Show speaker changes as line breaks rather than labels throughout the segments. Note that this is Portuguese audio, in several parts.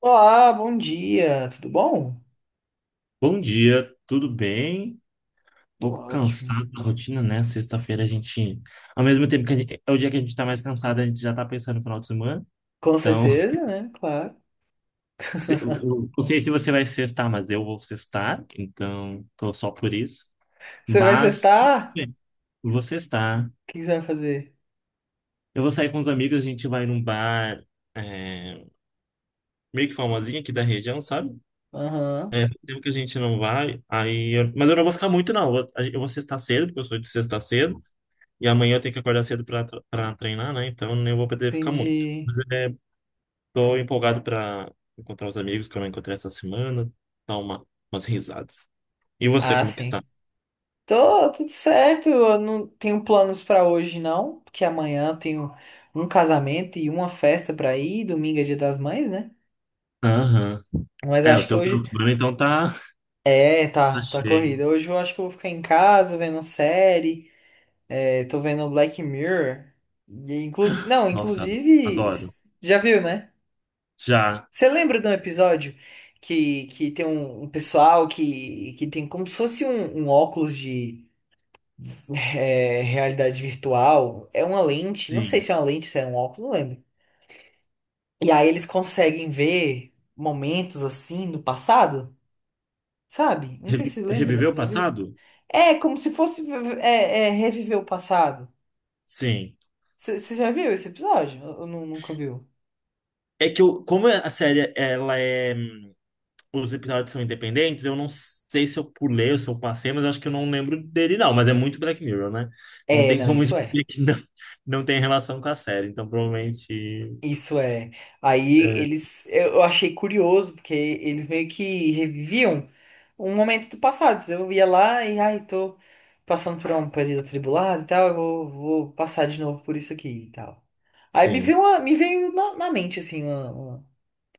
Olá, bom dia, tudo bom?
Bom dia, tudo bem? Um
Tudo
pouco
ótimo.
cansado da rotina, né? Sexta-feira a gente, ao mesmo tempo que é o dia que a gente tá mais cansado, a gente já tá pensando no final de semana.
Com
Então,
certeza, né? Claro.
eu não sei se você vai sextar, mas eu vou sextar, então tô só por isso.
Você vai
Mas tudo
sextar?
bem, eu vou sextar.
O que que você vai fazer?
Eu vou sair com os amigos, a gente vai num bar é, meio que famosinho aqui da região, sabe?
Aham,
É, faz tempo que a gente não vai, mas eu não vou ficar muito, não. Eu vou sextar cedo, porque eu sou de sexta cedo. E amanhã eu tenho que acordar cedo para treinar, né? Então eu vou poder ficar muito. Mas
entendi.
tô empolgado para encontrar os amigos que eu não encontrei essa semana, dar umas risadas. E você,
Ah,
como que está?
sim. Tô tudo certo, eu não tenho planos pra hoje não, porque amanhã eu tenho um casamento e uma festa pra ir, domingo é Dia das Mães, né?
Aham.
Mas eu
É, o
acho que
teu final
hoje
de semana então tá,
é,
tá
tá, tá
cheio.
corrida. Hoje eu acho que eu vou ficar em casa vendo série, é, tô vendo Black Mirror. E inclusive, não,
Nossa,
inclusive,
adoro.
já viu, né?
Já,
Você lembra de um episódio que tem um pessoal que tem como se fosse um óculos de realidade virtual? É uma lente, não sei
sim.
se é uma lente, se é um óculos, não lembro. E aí eles conseguem ver momentos assim do passado, sabe? Não sei se você lembra,
Reviver
você
o
já viu?
passado?
É como se fosse reviver o passado.
Sim.
Você já viu esse episódio? Ou nunca viu?
É que eu, como a série ela é os episódios são independentes, eu não sei se eu pulei ou se eu passei, mas eu acho que eu não lembro dele, não. Mas é muito Black Mirror, né? Não
É,
tem
não,
como
isso é.
dizer que não, não tem relação com a série. Então, provavelmente,
Isso é. Aí
é,
eles, eu achei curioso, porque eles meio que reviviam um momento do passado. Eu ia lá e, ai, tô passando por um período atribulado e tal, vou passar de novo por isso aqui e tal. Aí
sim.
me veio na mente, assim, uma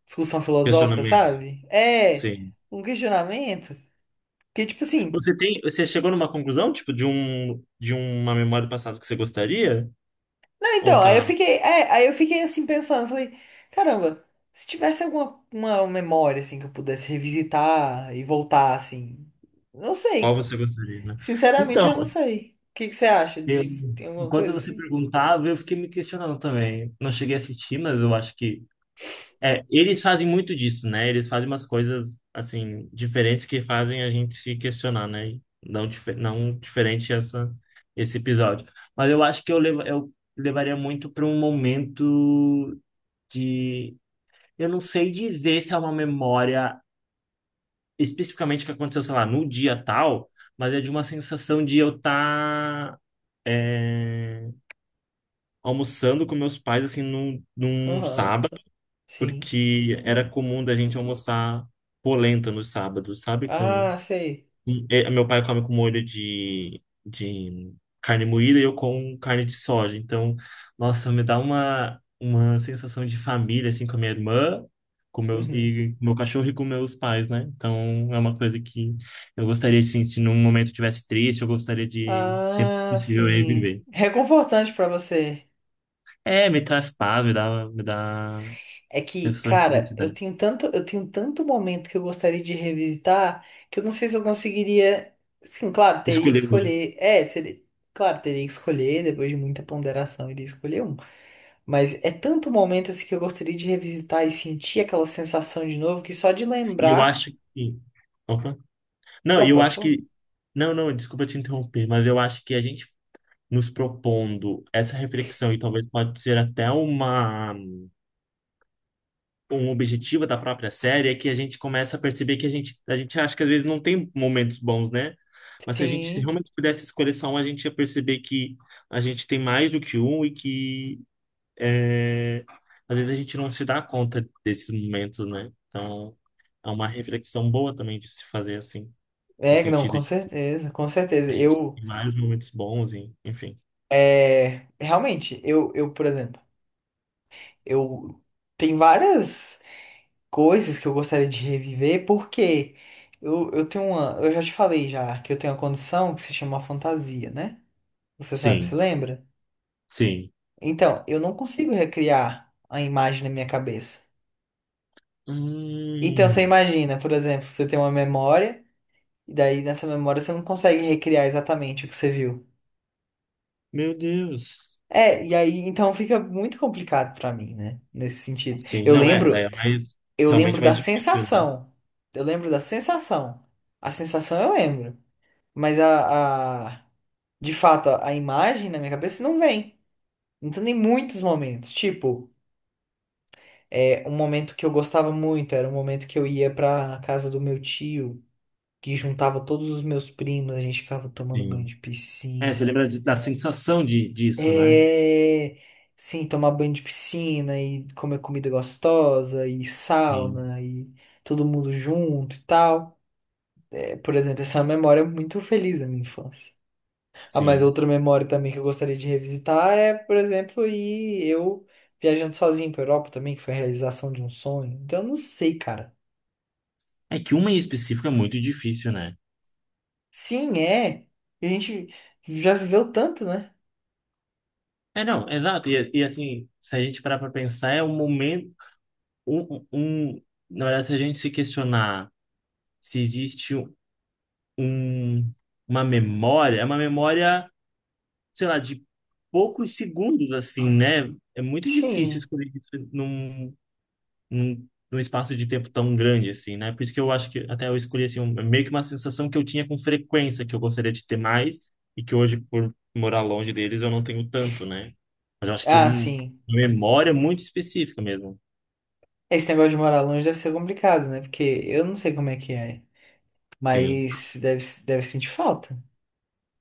discussão filosófica,
Questionamento,
sabe? É,
sim.
um questionamento que, tipo assim.
Você chegou numa conclusão, tipo, de uma memória do passado que você gostaria?
Ah,
Ou
então, aí eu
tá,
fiquei, aí eu fiquei assim pensando, falei, caramba, se tivesse alguma uma memória assim que eu pudesse revisitar e voltar assim, não
qual
sei.
você gostaria, né?
Sinceramente,
Então,
eu não sei. O que que você acha
eu,
de tem alguma
enquanto
coisa
você
assim?
perguntava, eu fiquei me questionando também. Não cheguei a assistir, mas eu acho que eles fazem muito disso, né? Eles fazem umas coisas, assim, diferentes que fazem a gente se questionar, né? E não, não diferente esse episódio. Mas eu acho que eu levaria muito para um momento de... Eu não sei dizer se é uma memória especificamente que aconteceu, sei lá, no dia tal, mas é de uma sensação de eu estar almoçando com meus pais, assim, num
Aham,
sábado,
sim.
porque era comum da gente almoçar polenta nos sábados, sabe? Com,
Ah, sei.
com- eh, meu pai come com molho de carne moída e eu com carne de soja. Então, nossa, me dá uma sensação de família, assim, com a minha irmã,
Uhum.
e com meu cachorro e com meus pais, né? Então, é uma coisa que eu gostaria, assim, se num momento eu tivesse triste, eu gostaria de, sempre que
Ah,
possível,
sim.
reviver.
Reconfortante pra você.
É, me traz paz, me dá
É que,
sensação de
cara,
felicidade.
eu tenho tanto momento que eu gostaria de revisitar que eu não sei se eu conseguiria. Sim, claro, teria que
Escolher.
escolher. Claro, teria que escolher, depois de muita ponderação, iria escolher um. Mas é tanto momento assim que eu gostaria de revisitar e sentir aquela sensação de novo que só de
E eu
lembrar.
acho que. Opa. Não,
Não,
eu
pode
acho
falar.
que. Não, não, desculpa te interromper, mas eu acho que a gente nos propondo essa reflexão, e talvez pode ser até um objetivo da própria série, é que a gente começa a perceber que a gente acha que às vezes não tem momentos bons, né? Mas se a gente
Sim,
realmente pudesse escolher só um, a gente ia perceber que a gente tem mais do que um e que é, às vezes a gente não se dá conta desses momentos, né? Então, é uma reflexão boa também de se fazer assim. No
é, não,
sentido
com
de
certeza, com
a
certeza.
gente
Eu,
tem vários momentos bons, enfim.
é, realmente, eu, por exemplo, eu tem várias coisas que eu gostaria de reviver, porque eu tenho uma. Eu já te falei já que eu tenho uma condição que se chama fantasia, né? Você sabe, você
Sim,
lembra?
sim.
Então, eu não consigo recriar a imagem na minha cabeça. Então, você
Hum,
imagina, por exemplo, você tem uma memória, e daí nessa memória você não consegue recriar exatamente o que você viu.
meu Deus.
É, e aí então fica muito complicado pra mim, né? Nesse sentido.
Sim, não é, daí é
Eu lembro
realmente
da
mais difícil, né?
sensação. Eu lembro da sensação. A sensação eu lembro. Mas de fato, a imagem na minha cabeça não vem. Então tem muitos momentos. Tipo, é, um momento que eu gostava muito era um momento que eu ia pra casa do meu tio, que juntava todos os meus primos, a gente ficava tomando banho
Sim.
de
É, você
piscina.
lembra da sensação disso, né?
É. Sim, tomar banho de piscina e comer comida gostosa e
Sim,
sauna e todo mundo junto e tal. É, por exemplo, essa é uma memória é muito feliz da minha infância. Ah, mas
sim.
outra memória também que eu gostaria de revisitar é, por exemplo, ir eu viajando sozinho para Europa também, que foi a realização de um sonho. Então, eu não sei, cara.
É que uma em específico é muito difícil, né?
Sim, é. A gente já viveu tanto, né?
É, não, exato. E assim, se a gente parar pra pensar, é um momento. Um, um, um- na verdade, se a gente se questionar se existe um, uma memória, é uma memória. Sei lá, de poucos segundos, assim, né? É muito difícil
Sim.
escolher isso num espaço de tempo tão grande, assim, né? Por isso que eu acho que até eu escolhi, assim, é meio que uma sensação que eu tinha com frequência, que eu gostaria de ter mais, e que hoje, por morar longe deles, eu não tenho tanto, né? Mas eu acho que
Ah, sim.
uma memória muito específica mesmo.
Esse negócio de morar longe deve ser complicado, né? Porque eu não sei como é que é.
Sim,
Mas deve sentir falta.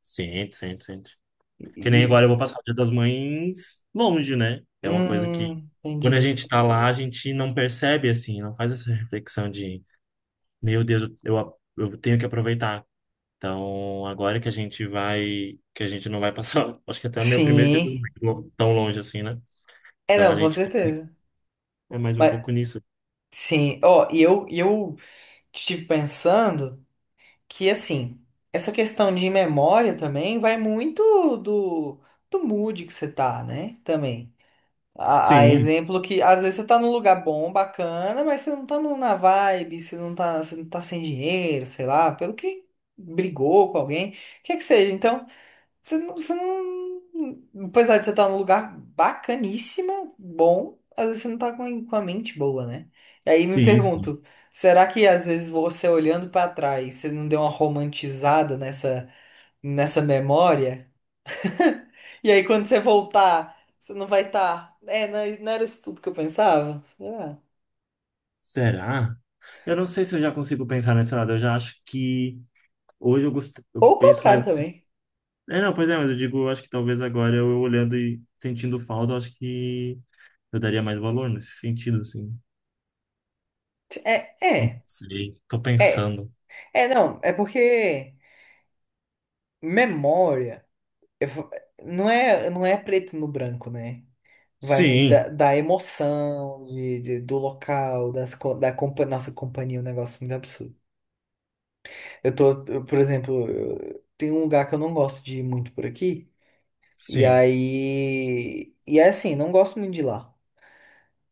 sente, sente, sente.
E,
Que nem
e-
agora eu vou passar o Dia das Mães longe, né? É uma coisa que, quando a
entendi.
gente tá lá, a gente não percebe, assim, não faz essa reflexão de Meu Deus, eu tenho que aproveitar. Então, agora que a gente vai, que a gente não vai passar, acho que até meu primeiro dia
Sim.
tão tão longe assim, né?
É,
Então a
não, com
gente
certeza.
é mais um
Mas,
pouco nisso.
sim. Ó, e eu estive pensando. Que assim, essa questão de memória também vai muito do mood que você tá, né? Também. A
Sim,
exemplo que às vezes você tá num lugar bom, bacana, mas você não tá num- na vibe, você não tá sem dinheiro, sei lá, pelo que brigou com alguém, o que é que seja. Então. Você não. Apesar de você estar num lugar bacaníssima, bom, às vezes você não tá com a mente boa, né? E aí me
sim, sim.
pergunto, será que às vezes você olhando pra trás, você não deu uma romantizada nessa memória? E aí quando você voltar, você não vai estar. É, não era isso tudo que eu pensava? Será?
Será? Eu não sei se eu já consigo pensar nesse lado. Eu já acho que hoje
Ou
eu
o
penso mais
contrário
assim.
também.
É, não, pois é, mas eu digo, eu acho que talvez agora eu olhando e sentindo falta, eu acho que eu daria mais valor nesse sentido, assim.
É,
Não
é,
sei, tô
é.
pensando.
É, não, é porque memória eu fa- não é, não é preto no branco, né? Vai muito
Sim,
da emoção do local, das, co- da compa- nossa companhia, é um negócio muito absurdo. Por exemplo, tem um lugar que eu não gosto de ir muito por aqui, e
sim.
aí. E é assim, não gosto muito de ir lá.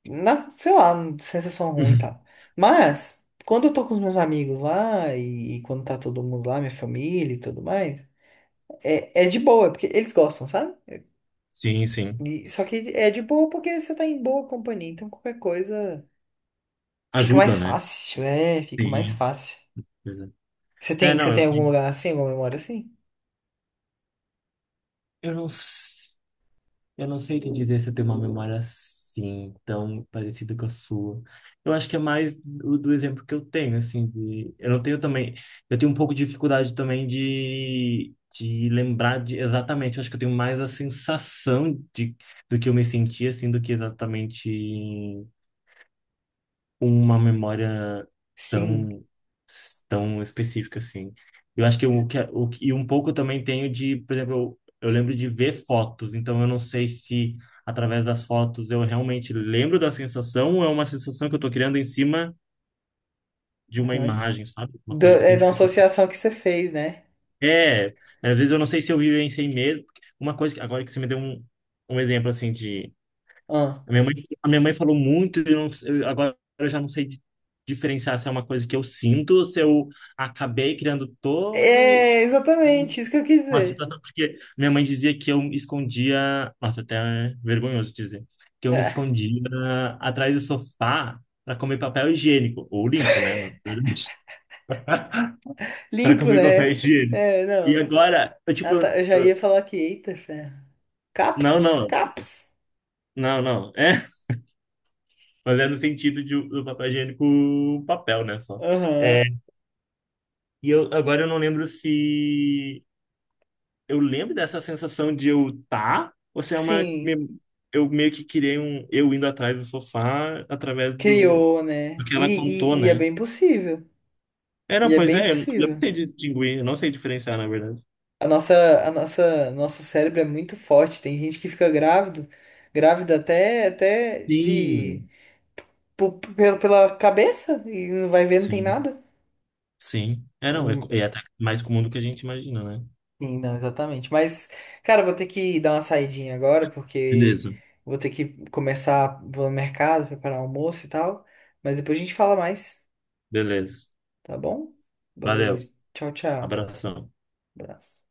Na, sei lá, sensação ruim e tal. Mas, quando eu tô com os meus amigos lá, e quando tá todo mundo lá, minha família e tudo mais, é de boa, porque eles gostam, sabe?
Sim, sim.
E- só que é de boa porque você tá em boa companhia, então qualquer coisa. Fica mais
Ajuda, né?
fácil, é, fica mais
Sim.
fácil.
Pois É, É,
Você
não, eu,
tem algum
tenho-
lugar assim, alguma memória assim?
eu não, s- eu não sei te dizer se eu tenho uma memória assim, tão parecida com a sua. Eu acho que é mais do exemplo que eu tenho, assim, eu não tenho também, eu tenho um pouco de dificuldade também de lembrar de exatamente, eu acho que eu tenho mais a sensação do que eu me senti, assim, do que exatamente uma memória
Sim.
tão tão específica assim. Eu acho que o que é, e um pouco eu também tenho de, por exemplo, eu lembro de ver fotos, então eu não sei se através das fotos eu realmente lembro da sensação ou é uma sensação que eu tô criando em cima de uma
Aham.
imagem, sabe? Uma
Da-
coisa que eu
é
tenho
da
dificuldade.
associação que você fez, né?
É, às vezes eu não sei se eu vivenciei mesmo. Uma coisa que agora que você me deu um exemplo assim de
Ah.
A minha mãe, a minha mãe falou muito, e eu não, sei- eu, agora eu já não sei diferenciar se é uma coisa que eu sinto, ou se eu acabei criando todo
É, exatamente, isso que eu quis
uma
dizer.
situação, porque minha mãe dizia que eu me escondia, nossa, até é vergonhoso dizer, que eu me
Ah,
escondia atrás do sofá para comer papel higiênico, ou limpo, né? Na verdade. Pra
limpo,
comer papel
né?
higiênico.
É,
E
não.
agora, eu, tipo,
Ah, tá, eu já ia falar que, eita, ferro.
não,
Caps,
não,
caps.
não, não. É, mas é no sentido do papel higiênico, papel, né? Só.
Aham.
É, e eu agora eu não lembro se eu lembro dessa sensação de eu tá, ou se é uma
Sim,
eu meio que criei um eu indo atrás do sofá através do,
criou,
do
né?
que ela contou,
E é
né?
bem possível.
É, não,
E é
pois
bem
é, eu não
possível.
sei distinguir, eu não sei diferenciar, na verdade.
Nosso cérebro é muito forte. Tem gente que fica grávido, grávida até, até de
Sim,
pela cabeça e não vai ver, não tem
sim,
nada.
sim. É, não,
Hum,
é até mais comum do que a gente imagina, né?
Sim, não, exatamente. Mas, cara, eu vou ter que dar uma saidinha agora, porque
Beleza.
vou ter que começar, vou no mercado, preparar almoço e tal. Mas depois a gente fala mais,
Beleza.
tá bom? Valeu,
Valeu.
tchau, tchau.
Abração.
Abraço.